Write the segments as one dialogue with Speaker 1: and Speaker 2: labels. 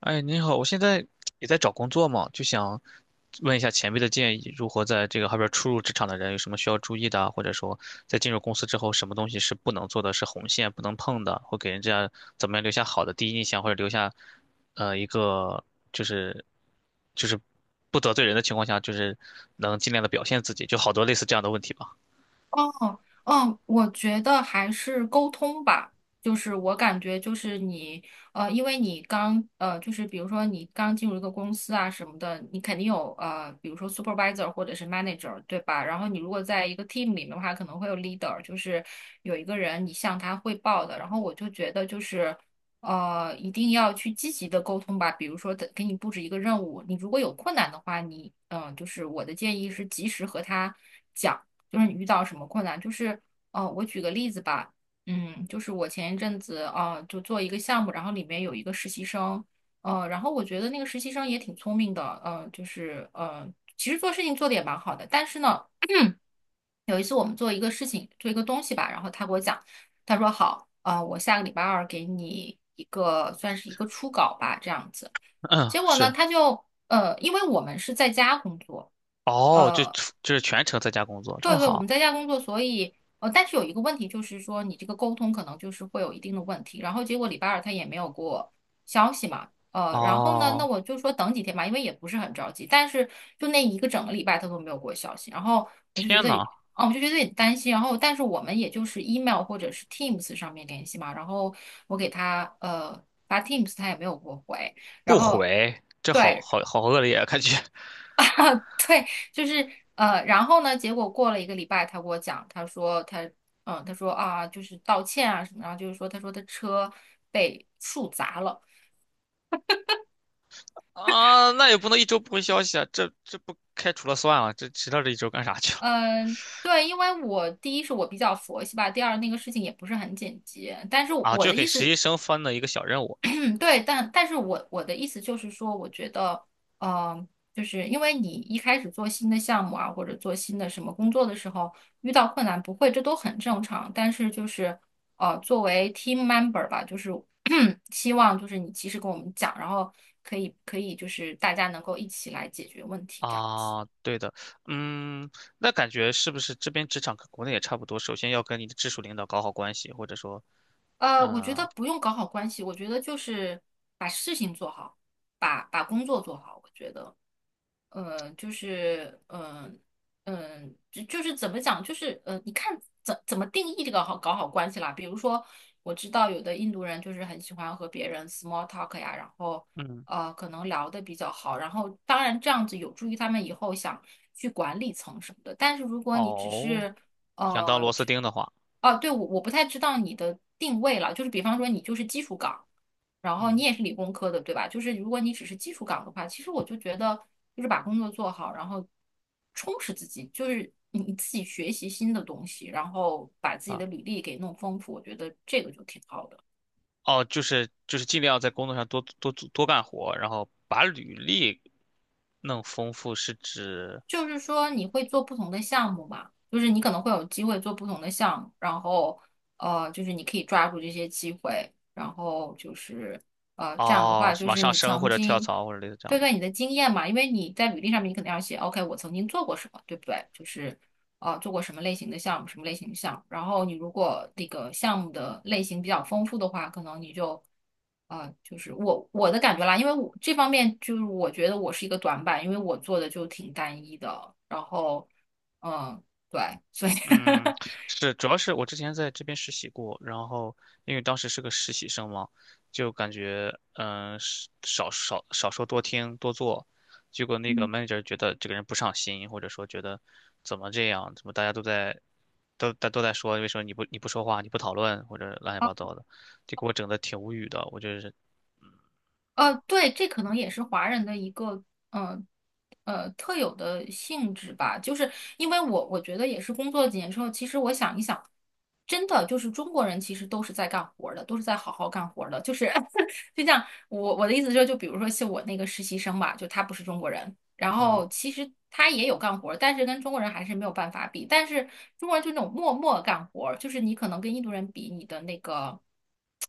Speaker 1: 哎，您好，我现在也在找工作嘛，就想问一下前辈的建议，如何在这个后边初入职场的人有什么需要注意的啊或者说在进入公司之后，什么东西是不能做的，是红线不能碰的，会给人家怎么样留下好的第一印象，或者留下一个就是就是不得罪人的情况下，就是能尽量的表现自己，就好多类似这样的问题吧。
Speaker 2: 哦，哦，我觉得还是沟通吧，就是我感觉就是你，因为你刚，就是比如说你刚进入一个公司啊什么的，你肯定有比如说 supervisor 或者是 manager，对吧？然后你如果在一个 team 里面的话，可能会有 leader，就是有一个人你向他汇报的。然后我就觉得就是。一定要去积极的沟通吧。比如说的，给你布置一个任务，你如果有困难的话，你就是我的建议是及时和他讲。就是你遇到什么困难，就是我举个例子吧，嗯，就是我前一阵子啊、就做一个项目，然后里面有一个实习生，然后我觉得那个实习生也挺聪明的，其实做事情做的也蛮好的，但是呢，有一次我们做一个事情，做一个东西吧，然后他给我讲，他说好，我下个礼拜二给你一个算是一个初稿吧，这样子。
Speaker 1: 嗯，
Speaker 2: 结果呢，
Speaker 1: 是，
Speaker 2: 他就因为我们是在家工作。
Speaker 1: 哦，就
Speaker 2: 呃。
Speaker 1: 就是全程在家工作，这
Speaker 2: 对
Speaker 1: 么
Speaker 2: 对，我们
Speaker 1: 好，
Speaker 2: 在家工作，所以但是有一个问题就是说，你这个沟通可能就是会有一定的问题。然后结果礼拜二他也没有给我消息嘛，然后呢，那
Speaker 1: 哦，
Speaker 2: 我就说等几天吧，因为也不是很着急。但是就那一个整个礼拜他都没有给我消息，然后我就觉
Speaker 1: 天
Speaker 2: 得，
Speaker 1: 呐！
Speaker 2: 哦，我就觉得有点担心。然后但是我们也就是 email 或者是 Teams 上面联系嘛，然后我给他发 Teams，他也没有给我回，
Speaker 1: 不
Speaker 2: 然后。
Speaker 1: 回，这好
Speaker 2: 对，
Speaker 1: 好好恶劣啊，感觉
Speaker 2: 对，就是然后呢，结果过了一个礼拜，他给我讲，他说他，嗯，他说啊，就是道歉啊什么，然后就是说，他说他车被树砸了，
Speaker 1: 啊，那也不能一周不回消息啊，这不开除了算了，这迟到这一周干啥去了
Speaker 2: 嗯，对，因为我第一是我比较佛系吧，第二那个事情也不是很紧急，但是
Speaker 1: 啊？
Speaker 2: 我
Speaker 1: 就
Speaker 2: 的
Speaker 1: 给
Speaker 2: 意
Speaker 1: 实
Speaker 2: 思
Speaker 1: 习生分了一个小任务
Speaker 2: 对，但是我的意思就是说，我觉得，呃，就是因为你一开始做新的项目啊，或者做新的什么工作的时候，遇到困难不会，这都很正常。但是就是，作为 team member 吧，就是 希望就是你及时跟我们讲，然后可以就是大家能够一起来解决问题这样子。
Speaker 1: 啊，对的，嗯，那感觉是不是这边职场跟国内也差不多？首先要跟你的直属领导搞好关系，或者说，
Speaker 2: 我觉
Speaker 1: 嗯、
Speaker 2: 得不用搞好关系，我觉得就是把事情做好，把工作做好，我觉得。呃，就是嗯就是怎么讲，就是你看怎么定义这个好搞好关系啦？比如说，我知道有的印度人就是很喜欢和别人 small talk 呀，然后
Speaker 1: 嗯，
Speaker 2: 可能聊的比较好，然后当然这样子有助于他们以后想去管理层什么的。但是如果你只
Speaker 1: 哦，
Speaker 2: 是
Speaker 1: 想当螺丝
Speaker 2: 就
Speaker 1: 钉的话，
Speaker 2: 哦，对，我不太知道你的定位了，就是比方说你就是基础岗。然后你
Speaker 1: 嗯
Speaker 2: 也是理工科的，对吧？就是如果你只是技术岗的话，其实我就觉得就是把工作做好，然后充实自己，就是你自己学习新的东西，然后把自己
Speaker 1: 啊，
Speaker 2: 的履历给弄丰富，我觉得这个就挺好的。
Speaker 1: 哦，就是尽量在工作上多多干活，然后把履历弄丰富，是指。
Speaker 2: 就是说你会做不同的项目嘛，就是你可能会有机会做不同的项目，然后就是你可以抓住这些机会，然后就是这样的
Speaker 1: 哦，
Speaker 2: 话
Speaker 1: 是
Speaker 2: 就
Speaker 1: 往
Speaker 2: 是
Speaker 1: 上
Speaker 2: 你
Speaker 1: 升或
Speaker 2: 曾
Speaker 1: 者跳
Speaker 2: 经
Speaker 1: 槽或者类似这样
Speaker 2: 对，
Speaker 1: 的。
Speaker 2: 对你的经验嘛，因为你在履历上面你肯定要写，OK，我曾经做过什么，对不对？就是。啊，做过什么类型的项目，什么类型的项目。然后你如果那个项目的类型比较丰富的话，可能你就，啊，就是我的感觉啦，因为我这方面就是我觉得我是一个短板，因为我做的就挺单一的。然后，嗯，对，所以
Speaker 1: 嗯，是，主要是我之前在这边实习过，然后因为当时是个实习生嘛，就感觉是少说多听多做，结果那个
Speaker 2: 嗯。
Speaker 1: manager 觉得这个人不上心，或者说觉得怎么这样，怎么大家都在都大都在说，为什么你不说话，你不讨论或者乱七八糟的，就给我整的挺无语的，我就是
Speaker 2: 对，这可能也是华人的一个，呃，特有的性质吧。就是因为我觉得也是工作几年之后，其实我想一想，真的就是中国人其实都是在干活儿的，都是在好好干活儿的。就是 就像我的意思就是，就比如说像我那个实习生吧，就他不是中国人，然
Speaker 1: 嗯。
Speaker 2: 后其实他也有干活儿，但是跟中国人还是没有办法比。但是中国人就那种默默干活儿，就是你可能跟印度人比，你的那个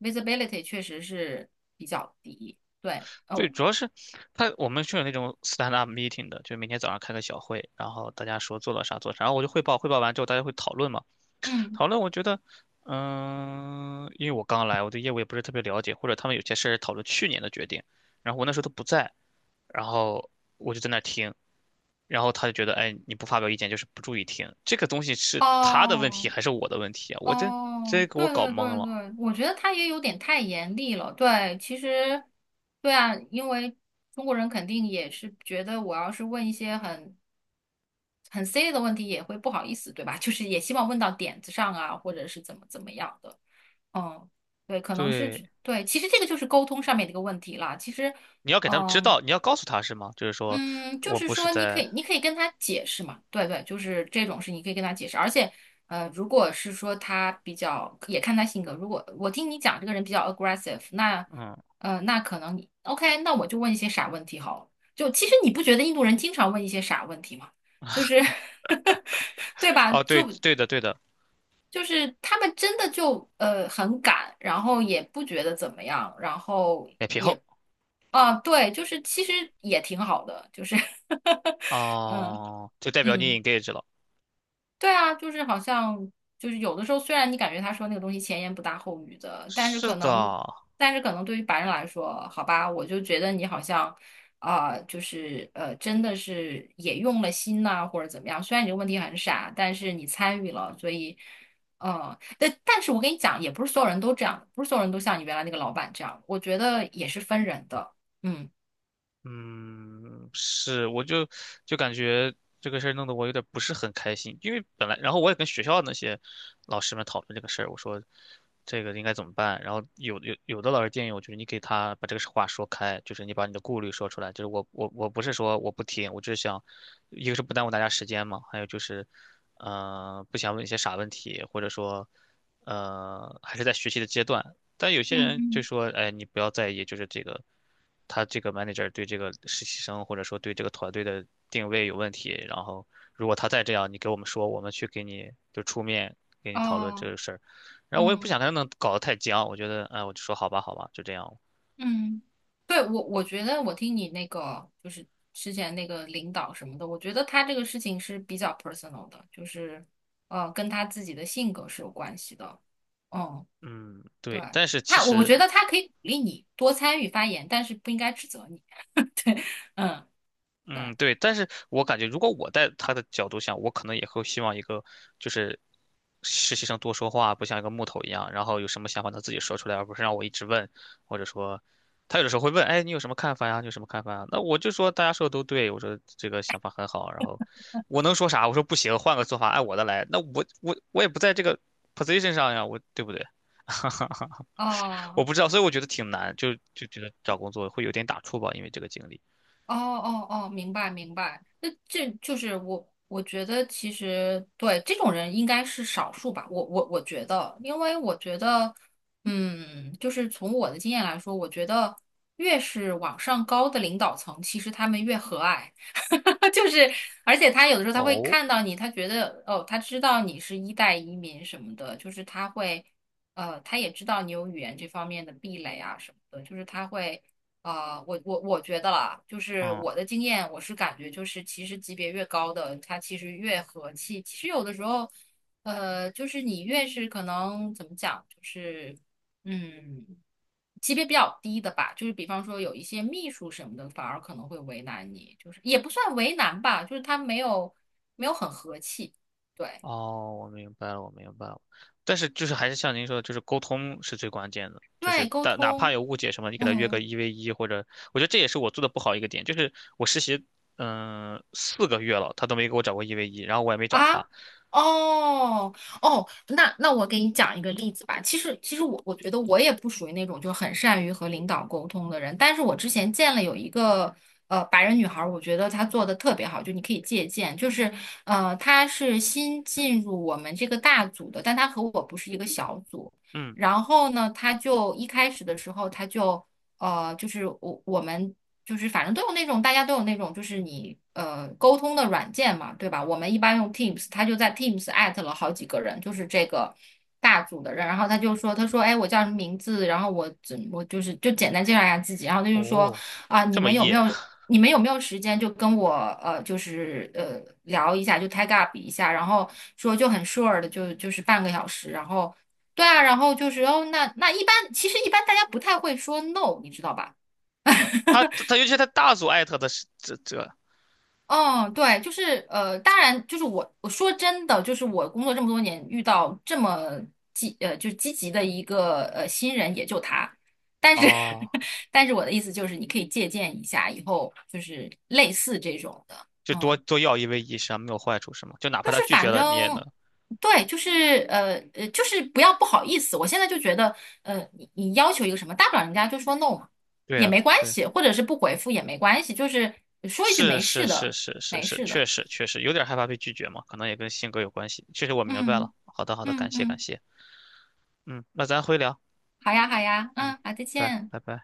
Speaker 2: visibility 确实是比较低。对，
Speaker 1: 对，
Speaker 2: 哦，
Speaker 1: 主要是我们是有那种 stand up meeting 的，就是每天早上开个小会，然后大家说做了啥做啥，然后我就汇报，汇报完之后大家会讨论嘛。
Speaker 2: 嗯，
Speaker 1: 讨论我觉得，因为我刚来，我对业务也不是特别了解，或者他们有些事儿讨论去年的决定，然后我那时候都不在，然后我就在那儿听，然后他就觉得，哎，你不发表意见就是不注意听，这个东西是他的问题
Speaker 2: 哦，
Speaker 1: 还是我的问题啊？这
Speaker 2: 哦，
Speaker 1: 给我
Speaker 2: 对
Speaker 1: 搞
Speaker 2: 对
Speaker 1: 懵
Speaker 2: 对
Speaker 1: 了。
Speaker 2: 对，我觉得他也有点太严厉了。对，其实，对啊，因为中国人肯定也是觉得，我要是问一些很 C 的问题，也会不好意思，对吧？就是也希望问到点子上啊，或者是怎么怎么样的。嗯，对，可能是
Speaker 1: 对，
Speaker 2: 对，其实这个就是沟通上面的一个问题啦。其实，
Speaker 1: 你要给他们知
Speaker 2: 嗯、
Speaker 1: 道，你要告诉他是吗？就是说
Speaker 2: 嗯，就
Speaker 1: 我
Speaker 2: 是
Speaker 1: 不是
Speaker 2: 说，你可
Speaker 1: 在。
Speaker 2: 以，你可以跟他解释嘛，对对，就是这种事，你可以跟他解释。而且，如果是说他比较，也看他性格。如果我听你讲这个人比较 aggressive，那，
Speaker 1: 嗯。
Speaker 2: 那可能你 OK，那我就问一些傻问题好了。就其实你不觉得印度人经常问一些傻问题吗？就是 对吧？
Speaker 1: 哦，对
Speaker 2: 就
Speaker 1: 对的对的，
Speaker 2: 就是他们真的就很敢，然后也不觉得怎么样，然后。
Speaker 1: 脸皮厚
Speaker 2: 啊，对，就是其实也挺好的，就是 嗯
Speaker 1: 哦，就代表你
Speaker 2: 嗯，
Speaker 1: engage 了。
Speaker 2: 对啊，就是好像就是有的时候，虽然你感觉他说那个东西前言不搭后语的，但是
Speaker 1: 是
Speaker 2: 可
Speaker 1: 的，
Speaker 2: 能，但是可能对于白人来说，好吧，我就觉得你好像就是真的是也用了心呐、或者怎么样。虽然你这个问题很傻，但是你参与了，所以但是我跟你讲，也不是所有人都这样，不是所有人都像你原来那个老板这样，我觉得也是分人的，嗯
Speaker 1: 嗯，是，我就感觉这个事儿弄得我有点不是很开心，因为本来，然后我也跟学校那些老师们讨论这个事儿，我说这个应该怎么办，然后有的老师建议我，就是你给他把这个话说开，就是你把你的顾虑说出来，就是我不是说我不听，我就是想，一个是不耽误大家时间嘛，还有就是，不想问一些傻问题，或者说，还是在学习的阶段，但有些人
Speaker 2: 嗯。
Speaker 1: 就说，哎，你不要在意，就是这个他这个 manager 对这个实习生或者说对这个团队的定位有问题，然后如果他再这样，你给我们说，我们去给你就出面给你讨论这
Speaker 2: 哦，
Speaker 1: 个事儿。然后我也不
Speaker 2: 嗯
Speaker 1: 想跟他们搞得太僵，我觉得，哎，我就说好吧，好吧，就这样。
Speaker 2: 嗯，对，我觉得我听你那个就是之前那个领导什么的，我觉得他这个事情是比较 personal 的，就是跟他自己的性格是有关系的。嗯，
Speaker 1: 嗯，
Speaker 2: 对，
Speaker 1: 对，但是其
Speaker 2: 他我
Speaker 1: 实
Speaker 2: 觉得他可以鼓励你多参与发言，但是不应该指责你。嗯，对，
Speaker 1: 嗯，对，但是我感觉如果我在他的角度想，我可能也会希望一个就是实习生多说话，不像一个木头一样，然后有什么想法他自己说出来，而不是让我一直问，或者说他有的时候会问，哎，你有什么看法呀？你有什么看法呀？那我就说大家说的都对，我说这个想法很好，然后我能说啥？我说不行，换个做法，按我的来。那我也不在这个 position 上呀，我对不对？
Speaker 2: 哦、
Speaker 1: 我不知道，所以我觉得挺难，就觉得找工作会有点打怵吧，因为这个经历。
Speaker 2: 哦哦哦，明白明白。那这就是我，我觉得其实对这种人应该是少数吧。我觉得，因为我觉得，嗯，就是从我的经验来说，我觉得越是往上高的领导层，其实他们越和蔼，就是而且他有的时候他会
Speaker 1: 哦，
Speaker 2: 看到你，他觉得哦，他知道你是一代移民什么的，就是他会。他也知道你有语言这方面的壁垒啊什么的，就是他会我觉得啦，就是
Speaker 1: 嗯。
Speaker 2: 我的经验，我是感觉就是，其实级别越高的，他其实越和气。其实有的时候，就是你越是可能怎么讲，就是嗯，级别比较低的吧，就是比方说有一些秘书什么的，反而可能会为难你，就是也不算为难吧，就是他没有很和气，对，
Speaker 1: 哦，我明白了，我明白了。但是就是还是像您说的，就是沟通是最关键的。
Speaker 2: 对
Speaker 1: 就
Speaker 2: 外
Speaker 1: 是
Speaker 2: 沟
Speaker 1: 但哪怕
Speaker 2: 通，
Speaker 1: 有误解什么，你给他约个
Speaker 2: 嗯。
Speaker 1: 一 v 一，或者我觉得这也是我做的不好一个点，就是我实习4个月了，他都没给我找过一 v 一，然后我也没找
Speaker 2: 啊，
Speaker 1: 他。
Speaker 2: 哦哦，那我给你讲一个例子吧。其实我觉得我也不属于那种就很善于和领导沟通的人，但是我之前见了有一个白人女孩儿，我觉得她做的特别好，就你可以借鉴。就是她是新进入我们这个大组的，但她和我不是一个小组。
Speaker 1: 嗯，
Speaker 2: 然后呢，她就一开始的时候，她就就是我们。就是反正都有那种，大家都有那种，就是你沟通的软件嘛，对吧？我们一般用 Teams，他就在 Teams 艾特了好几个人，就是这个大组的人，然后他就说，他说，哎，我叫什么名字？然后我就是就简单介绍一下自己，然后他就说，
Speaker 1: 哦，
Speaker 2: 啊，
Speaker 1: 这么野，
Speaker 2: 你们有没有时间就跟我就是聊一下，就 tag up 一下，然后说就很 sure 的就是半个小时，然后对啊，然后就是哦，那一般其实一般大家不太会说 no，你知道吧？
Speaker 1: 他 他尤其是他大组艾特的是这
Speaker 2: 嗯，对，就是当然，就是我说真的，就是我工作这么多年，遇到这么就是积极的一个新人，也就他。但是，
Speaker 1: 哦，
Speaker 2: 但是我的意思就是，你可以借鉴一下，以后就是类似这种的，
Speaker 1: 就多
Speaker 2: 嗯，
Speaker 1: 多要一 v 一实际上没有坏处是吗？就哪
Speaker 2: 就
Speaker 1: 怕他
Speaker 2: 是
Speaker 1: 拒绝
Speaker 2: 反
Speaker 1: 了，你也能
Speaker 2: 正对，就是就是不要不好意思。我现在就觉得，你要求一个什么，大不了人家就说 no 嘛，
Speaker 1: 对
Speaker 2: 也
Speaker 1: 啊。
Speaker 2: 没关系，或者是不回复也没关系，就是说一句
Speaker 1: 是
Speaker 2: 没
Speaker 1: 是
Speaker 2: 事
Speaker 1: 是
Speaker 2: 的，
Speaker 1: 是是
Speaker 2: 没
Speaker 1: 是，
Speaker 2: 事
Speaker 1: 确
Speaker 2: 的，
Speaker 1: 实确实有点害怕被拒绝嘛，可能也跟性格有关系。确实我明白了。
Speaker 2: 嗯。
Speaker 1: 好的好的，
Speaker 2: 嗯
Speaker 1: 感谢感
Speaker 2: 嗯，
Speaker 1: 谢。嗯，那咱回聊。
Speaker 2: 好呀好呀，
Speaker 1: 嗯，
Speaker 2: 嗯，好，再
Speaker 1: 拜
Speaker 2: 见。
Speaker 1: 拜拜拜。